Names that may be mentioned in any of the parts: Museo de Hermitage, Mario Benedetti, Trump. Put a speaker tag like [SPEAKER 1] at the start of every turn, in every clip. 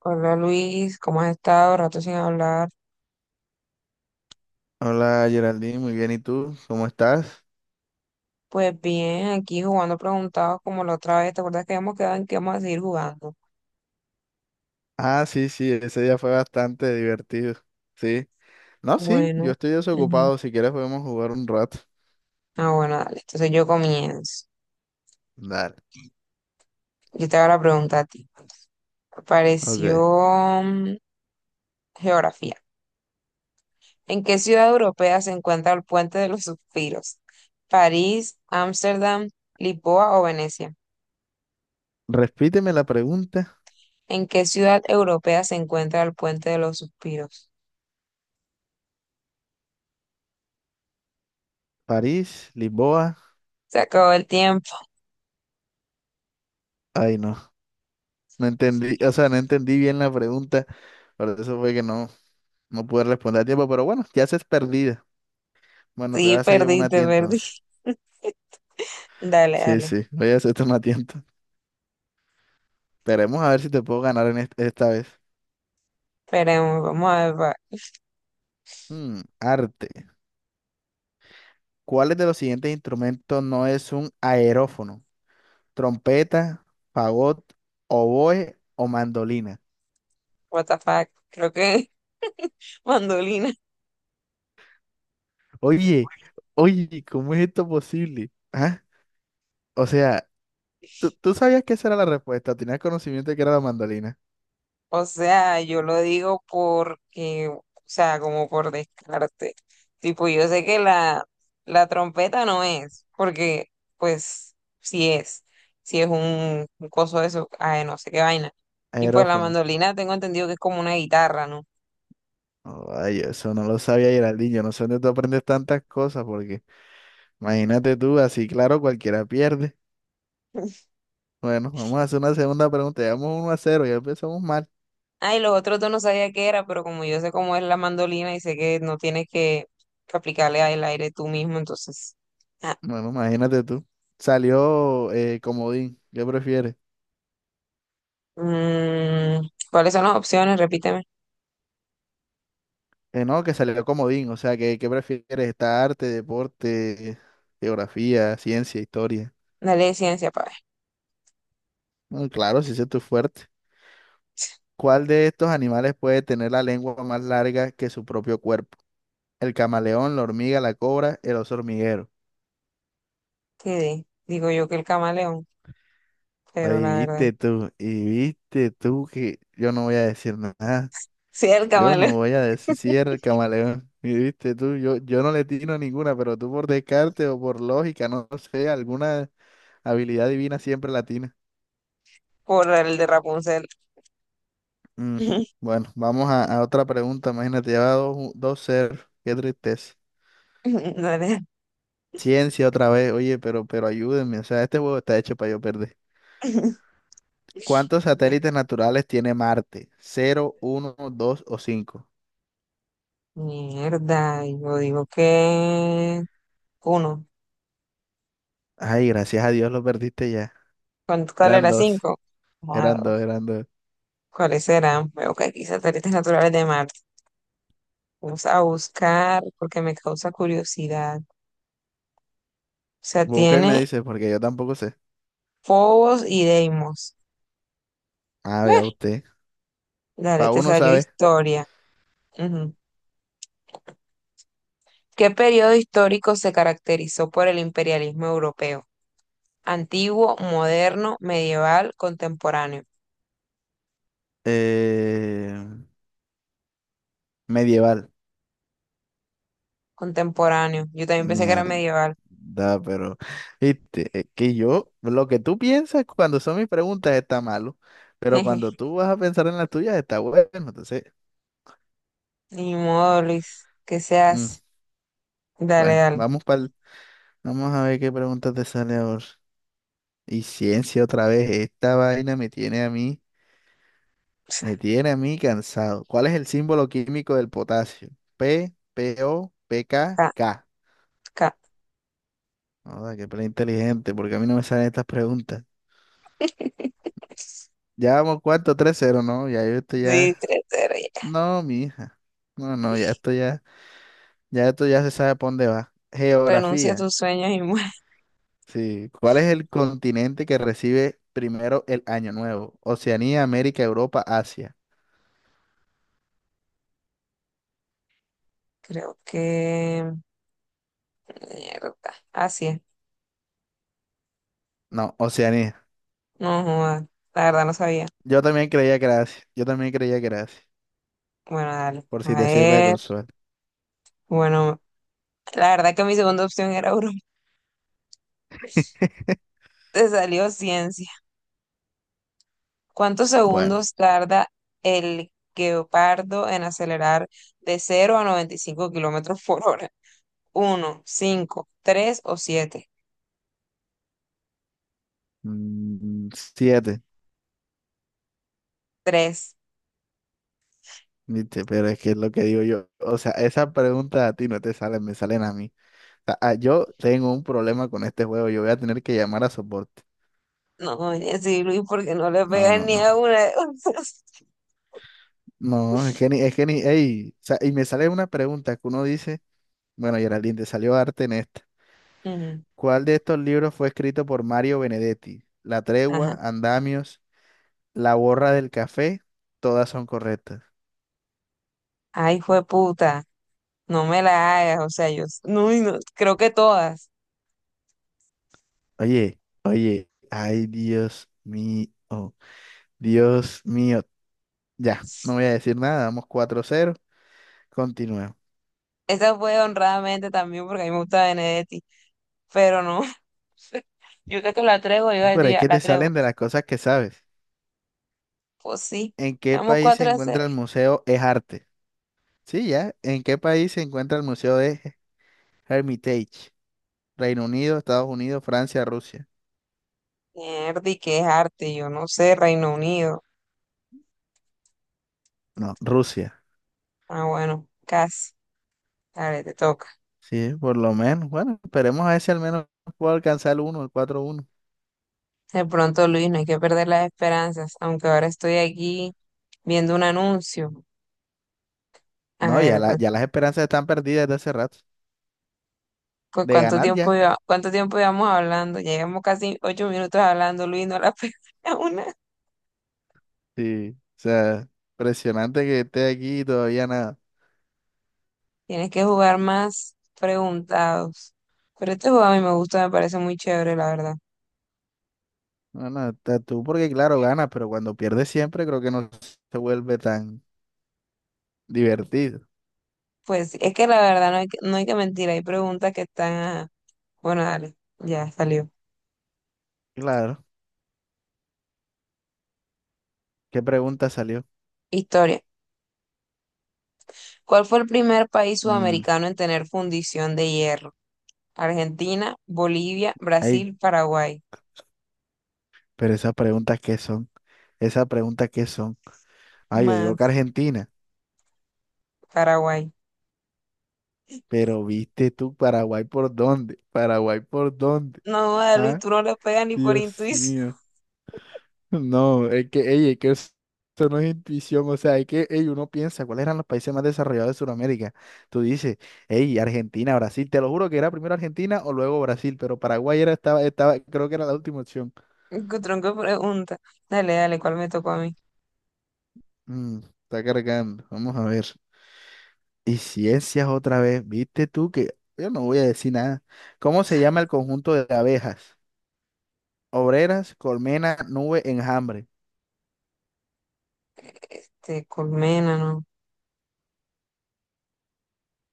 [SPEAKER 1] Hola Luis, ¿cómo has estado? Rato sin hablar.
[SPEAKER 2] Hola Geraldine, muy bien. ¿Y tú? ¿Cómo estás?
[SPEAKER 1] Pues bien, aquí jugando preguntados como la otra vez. ¿Te acuerdas que habíamos quedado en que vamos a seguir jugando?
[SPEAKER 2] Ah, sí, sí, ese día fue bastante divertido. Sí. No, sí, yo
[SPEAKER 1] Bueno,
[SPEAKER 2] estoy
[SPEAKER 1] ujú.
[SPEAKER 2] desocupado. Si quieres podemos jugar un rato.
[SPEAKER 1] Ah, bueno, dale. Entonces yo comienzo.
[SPEAKER 2] Dale.
[SPEAKER 1] Yo te hago la pregunta a ti. Apareció
[SPEAKER 2] Ok.
[SPEAKER 1] geografía. ¿En qué ciudad europea se encuentra el Puente de los Suspiros? ¿París, Ámsterdam, Lisboa o Venecia?
[SPEAKER 2] Repíteme la pregunta.
[SPEAKER 1] ¿En qué ciudad europea se encuentra el Puente de los Suspiros?
[SPEAKER 2] París, Lisboa.
[SPEAKER 1] Se acabó el tiempo.
[SPEAKER 2] Ay, no. No entendí, o sea, no entendí bien la pregunta. Por eso fue que no, no pude responder a tiempo. Pero bueno, ya se es perdida. Bueno, te voy
[SPEAKER 1] Sí,
[SPEAKER 2] a hacer yo una a ti
[SPEAKER 1] perdiste, perdí.
[SPEAKER 2] entonces.
[SPEAKER 1] Dale,
[SPEAKER 2] Sí,
[SPEAKER 1] dale.
[SPEAKER 2] sí, voy a hacerte una a ti entonces. Esperemos a ver si te puedo ganar en esta vez.
[SPEAKER 1] Esperemos, vamos a ver.
[SPEAKER 2] Arte. ¿Cuáles de los siguientes instrumentos no es un aerófono? ¿Trompeta, fagot, oboe o mandolina?
[SPEAKER 1] What the fuck. Creo que mandolina.
[SPEAKER 2] Oye, oye, ¿cómo es esto posible? ¿Ah? O sea, ¿tú sabías que esa era la respuesta? ¿Tenías conocimiento de que era la mandolina?
[SPEAKER 1] O sea, yo lo digo porque, o sea, como por descarte. Tipo, yo sé que la trompeta no es, porque, pues, sí es. Si es un coso de eso, ay, no sé qué vaina. Y pues la
[SPEAKER 2] Aerófono.
[SPEAKER 1] mandolina tengo entendido que es como una guitarra, ¿no?
[SPEAKER 2] Ay, eso no lo sabía, Geraldinho. No sé dónde tú aprendes tantas cosas, porque imagínate tú, así claro, cualquiera pierde. Bueno, vamos a hacer una segunda pregunta. Llevamos 1-0. Ya empezamos mal.
[SPEAKER 1] Ay, los otros dos no sabía qué era, pero como yo sé cómo es la mandolina y sé que no tienes que aplicarle al aire tú mismo, entonces. ah,
[SPEAKER 2] Bueno, imagínate tú. Salió comodín. ¿Qué prefieres?
[SPEAKER 1] ¿Cuáles son las opciones? Repíteme.
[SPEAKER 2] No, que salió comodín. O sea, ¿qué prefieres? ¿Está arte, deporte, geografía, ciencia, historia?
[SPEAKER 1] La ley de ciencia, pa' ver.
[SPEAKER 2] Bueno, claro, si ese es tu fuerte. ¿Cuál de estos animales puede tener la lengua más larga que su propio cuerpo? El camaleón, la hormiga, la cobra, el oso hormiguero.
[SPEAKER 1] ¿Qué di? Digo yo que el camaleón, pero
[SPEAKER 2] Ahí
[SPEAKER 1] la verdad.
[SPEAKER 2] viste tú, y viste tú que yo no voy a decir nada.
[SPEAKER 1] Sí, el
[SPEAKER 2] Yo
[SPEAKER 1] camaleón.
[SPEAKER 2] no voy a decir si era el camaleón. Y viste tú, yo no le tiro ninguna, pero tú por descarte o por lógica, no sé, alguna habilidad divina siempre la tienes.
[SPEAKER 1] Por el de Rapunzel.
[SPEAKER 2] Mm, Bueno, vamos a otra pregunta. Imagínate, ya va dos 0. Qué tristeza.
[SPEAKER 1] Dale.
[SPEAKER 2] Ciencia otra vez. Oye, pero ayúdenme. O sea, este juego está hecho para yo perder. ¿Cuántos satélites naturales tiene Marte? ¿Cero, uno, dos o cinco?
[SPEAKER 1] Mierda, yo digo que uno.
[SPEAKER 2] Ay, gracias a Dios lo perdiste ya.
[SPEAKER 1] ¿Cuál
[SPEAKER 2] Eran
[SPEAKER 1] era?
[SPEAKER 2] dos.
[SPEAKER 1] Cinco. Ah,
[SPEAKER 2] Eran dos, eran dos.
[SPEAKER 1] ¿cuáles serán? Veo que aquí satélites naturales de Marte. Vamos a buscar porque me causa curiosidad. O sea,
[SPEAKER 2] Busca y me
[SPEAKER 1] tiene
[SPEAKER 2] dice, porque yo tampoco sé.
[SPEAKER 1] Fobos y Deimos.
[SPEAKER 2] Ah, vea
[SPEAKER 1] Bueno,
[SPEAKER 2] usted.
[SPEAKER 1] dale,
[SPEAKER 2] Para
[SPEAKER 1] te
[SPEAKER 2] uno
[SPEAKER 1] salió
[SPEAKER 2] sabe.
[SPEAKER 1] historia. Ujú. ¿Qué periodo histórico se caracterizó por el imperialismo europeo? Antiguo, moderno, medieval, contemporáneo.
[SPEAKER 2] Eh, medieval.
[SPEAKER 1] Contemporáneo. Yo también pensé que era
[SPEAKER 2] Mierda,
[SPEAKER 1] medieval.
[SPEAKER 2] pero. Viste, es que yo, lo que tú piensas cuando son mis preguntas está malo. Pero cuando tú vas a pensar en las tuyas está bueno. Entonces,
[SPEAKER 1] Ni modo, Luis. ¿Qué se
[SPEAKER 2] mm,
[SPEAKER 1] hace? Dale,
[SPEAKER 2] bueno,
[SPEAKER 1] dale.
[SPEAKER 2] vamos a ver qué pregunta te sale ahora. Y ciencia otra vez. Esta vaina me tiene a mí. Me tiene a mí cansado. ¿Cuál es el símbolo químico del potasio? P, P, O, P, K,
[SPEAKER 1] Ca-
[SPEAKER 2] K.
[SPEAKER 1] ca-
[SPEAKER 2] Joda, qué plan inteligente, porque a mí no me salen estas preguntas. Ya vamos cuarto, 3-0, ¿no? Ya yo esto
[SPEAKER 1] Sí,
[SPEAKER 2] ya.
[SPEAKER 1] 3-0, ya.
[SPEAKER 2] No, mi hija. No, no, ya esto ya. Ya esto ya se sabe por dónde va.
[SPEAKER 1] Renuncia a
[SPEAKER 2] Geografía.
[SPEAKER 1] tus sueños y muere.
[SPEAKER 2] Sí. ¿Cuál es el continente que recibe primero el Año Nuevo? Oceanía, América, Europa, Asia.
[SPEAKER 1] Creo que. Mierda. Así es.
[SPEAKER 2] No, Oceanía.
[SPEAKER 1] No, joda, la verdad no sabía.
[SPEAKER 2] Yo también creía que era Asia. Yo también creía que era Asia.
[SPEAKER 1] Bueno, dale.
[SPEAKER 2] Por si
[SPEAKER 1] A
[SPEAKER 2] te sirve de
[SPEAKER 1] ver.
[SPEAKER 2] consuelo.
[SPEAKER 1] Bueno, la verdad que mi segunda opción era Europa. Te salió ciencia. ¿Cuántos
[SPEAKER 2] Bueno.
[SPEAKER 1] segundos tarda el guepardo en acelerar de 0 a 95 km/h? ¿Uno, cinco, tres o siete?
[SPEAKER 2] Siete.
[SPEAKER 1] Tres.
[SPEAKER 2] Viste, pero es que es lo que digo yo. O sea, esas preguntas a ti no te salen, me salen a mí. Sea, ah, yo tengo un problema con este juego. Yo voy a tener que llamar a soporte.
[SPEAKER 1] No, oye, sí, Luis, porque no le
[SPEAKER 2] No,
[SPEAKER 1] pegan
[SPEAKER 2] no,
[SPEAKER 1] ni
[SPEAKER 2] no.
[SPEAKER 1] a una de esas.
[SPEAKER 2] No, es que ni, ey, o sea, y me sale una pregunta que uno dice, bueno, Geraldine, te salió arte en esta.
[SPEAKER 1] Ujú,
[SPEAKER 2] ¿Cuál de estos libros fue escrito por Mario Benedetti? La tregua,
[SPEAKER 1] ajá.
[SPEAKER 2] Andamios, La borra del café, todas son correctas.
[SPEAKER 1] Ay, fue puta. No me la hagas. O sea, no, y no, creo que todas.
[SPEAKER 2] Oye, oye, ay, Dios mío, Dios mío. Ya, no voy a decir nada, vamos 4-0. Continúa.
[SPEAKER 1] Esa fue honradamente también porque a mí me gusta Benedetti, pero no, yo creo que la traigo, yo
[SPEAKER 2] Pero es
[SPEAKER 1] decía,
[SPEAKER 2] que
[SPEAKER 1] la
[SPEAKER 2] te
[SPEAKER 1] traigo.
[SPEAKER 2] salen de las cosas que sabes.
[SPEAKER 1] Pues sí,
[SPEAKER 2] ¿En qué
[SPEAKER 1] vamos
[SPEAKER 2] país se
[SPEAKER 1] cuatro a 0.
[SPEAKER 2] encuentra el Museo Es Arte? Sí, ya. ¿En qué país se encuentra el Museo de Hermitage? Reino Unido, Estados Unidos, Francia, Rusia.
[SPEAKER 1] Mierda, y qué es arte, yo no sé, Reino Unido.
[SPEAKER 2] No, Rusia.
[SPEAKER 1] Ah, bueno, casi. Dale, te toca.
[SPEAKER 2] Sí, por lo menos. Bueno, esperemos a ver si al menos puedo alcanzar el uno, el 4-1.
[SPEAKER 1] De pronto, Luis, no hay que perder las esperanzas, aunque ahora estoy aquí viendo un anuncio. A
[SPEAKER 2] No, ya,
[SPEAKER 1] ver, pues,
[SPEAKER 2] ya las esperanzas están perdidas desde hace rato.
[SPEAKER 1] pues,
[SPEAKER 2] De ganar ya.
[SPEAKER 1] ¿cuánto tiempo llevamos hablando? Ya llevamos casi 8 minutos hablando, Luis, no la pega una.
[SPEAKER 2] Sí. O sea, impresionante que esté aquí y todavía nada.
[SPEAKER 1] Tienes que jugar más preguntados. Pero este juego a mí me gusta, me parece muy chévere, la verdad.
[SPEAKER 2] No, no, está tú porque claro, ganas, pero cuando pierdes siempre creo que no se vuelve tan divertido.
[SPEAKER 1] Pues es que la verdad no hay que mentir, hay preguntas que están. Bueno, dale, ya salió.
[SPEAKER 2] Claro. ¿Qué pregunta salió?
[SPEAKER 1] Historia. ¿Cuál fue el primer país
[SPEAKER 2] Mm,
[SPEAKER 1] sudamericano en tener fundición de hierro? Argentina, Bolivia,
[SPEAKER 2] ay,
[SPEAKER 1] Brasil, Paraguay.
[SPEAKER 2] pero esas preguntas qué son, esas preguntas qué son. Ah, yo digo que
[SPEAKER 1] Más
[SPEAKER 2] Argentina,
[SPEAKER 1] Paraguay.
[SPEAKER 2] pero viste tú Paraguay por dónde, Paraguay por dónde.
[SPEAKER 1] No, joda, Luis,
[SPEAKER 2] Ah,
[SPEAKER 1] tú no le pegas ni por
[SPEAKER 2] Dios
[SPEAKER 1] intuición.
[SPEAKER 2] mío. No, es que, ey, es que eso no es intuición, o sea, es que, ey, uno piensa, ¿cuáles eran los países más desarrollados de Sudamérica? Tú dices, ey, Argentina, Brasil, te lo juro que era primero Argentina o luego Brasil, pero Paraguay era, estaba, estaba, creo que era la última opción.
[SPEAKER 1] Qué tronco de pregunta. Dale, dale, ¿cuál me tocó a mí?
[SPEAKER 2] Mm, está cargando, vamos a ver. Y ciencias otra vez, viste tú que yo no voy a decir nada. ¿Cómo se llama el conjunto de abejas? Obreras, colmena, nube, enjambre.
[SPEAKER 1] Te colmena, ¿no?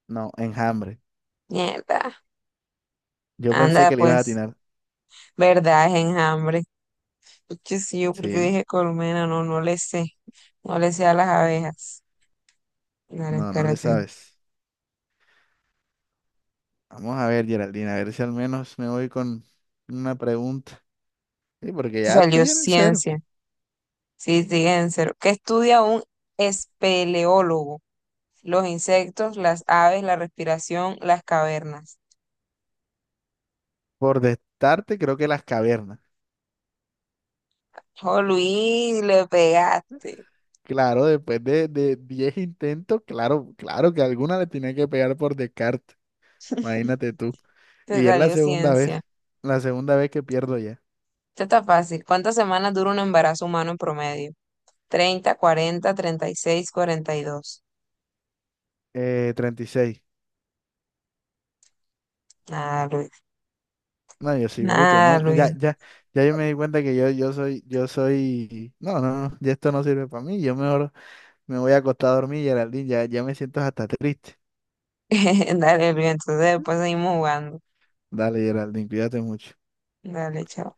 [SPEAKER 2] No, enjambre.
[SPEAKER 1] Mierda.
[SPEAKER 2] Yo pensé
[SPEAKER 1] Anda,
[SPEAKER 2] que le ibas a
[SPEAKER 1] pues.
[SPEAKER 2] atinar.
[SPEAKER 1] ¿Verdad? Es enjambre. Porque sí, yo porque
[SPEAKER 2] Sí,
[SPEAKER 1] dije colmena, no, no le sé. No le sé a las abejas. Dale,
[SPEAKER 2] no, no le
[SPEAKER 1] espérate.
[SPEAKER 2] sabes. Vamos a ver, Geraldine, a ver si al menos me voy con una pregunta. Sí, porque ya
[SPEAKER 1] Salió
[SPEAKER 2] estoy en el cero.
[SPEAKER 1] ciencia. Sí, sí, en cero. ¿Qué estudia un espeleólogo? Los insectos, las aves, la respiración, las cavernas.
[SPEAKER 2] Por destarte, creo que las cavernas.
[SPEAKER 1] Oh, Luis, le pegaste.
[SPEAKER 2] Claro, después de, 10 intentos, claro, claro que alguna le tenía que pegar por descarte. Imagínate tú.
[SPEAKER 1] Te
[SPEAKER 2] Y es
[SPEAKER 1] salió ciencia.
[SPEAKER 2] la segunda vez que pierdo ya.
[SPEAKER 1] Esto está fácil. ¿Cuántas semanas dura un embarazo humano en promedio? Treinta, 40, 36, 42.
[SPEAKER 2] 36.
[SPEAKER 1] Nada, Luis.
[SPEAKER 2] No, yo soy bruto,
[SPEAKER 1] Nada,
[SPEAKER 2] no, ya,
[SPEAKER 1] Luis.
[SPEAKER 2] ya, ya yo me di cuenta que yo, yo soy, no, no, no, ya esto no sirve para mí, yo mejor me voy a acostar a dormir, Geraldine, ya, ya me siento hasta triste.
[SPEAKER 1] Dale, Elvia, entonces después seguimos jugando.
[SPEAKER 2] Dale, Geraldine, cuídate mucho.
[SPEAKER 1] Dale, chao.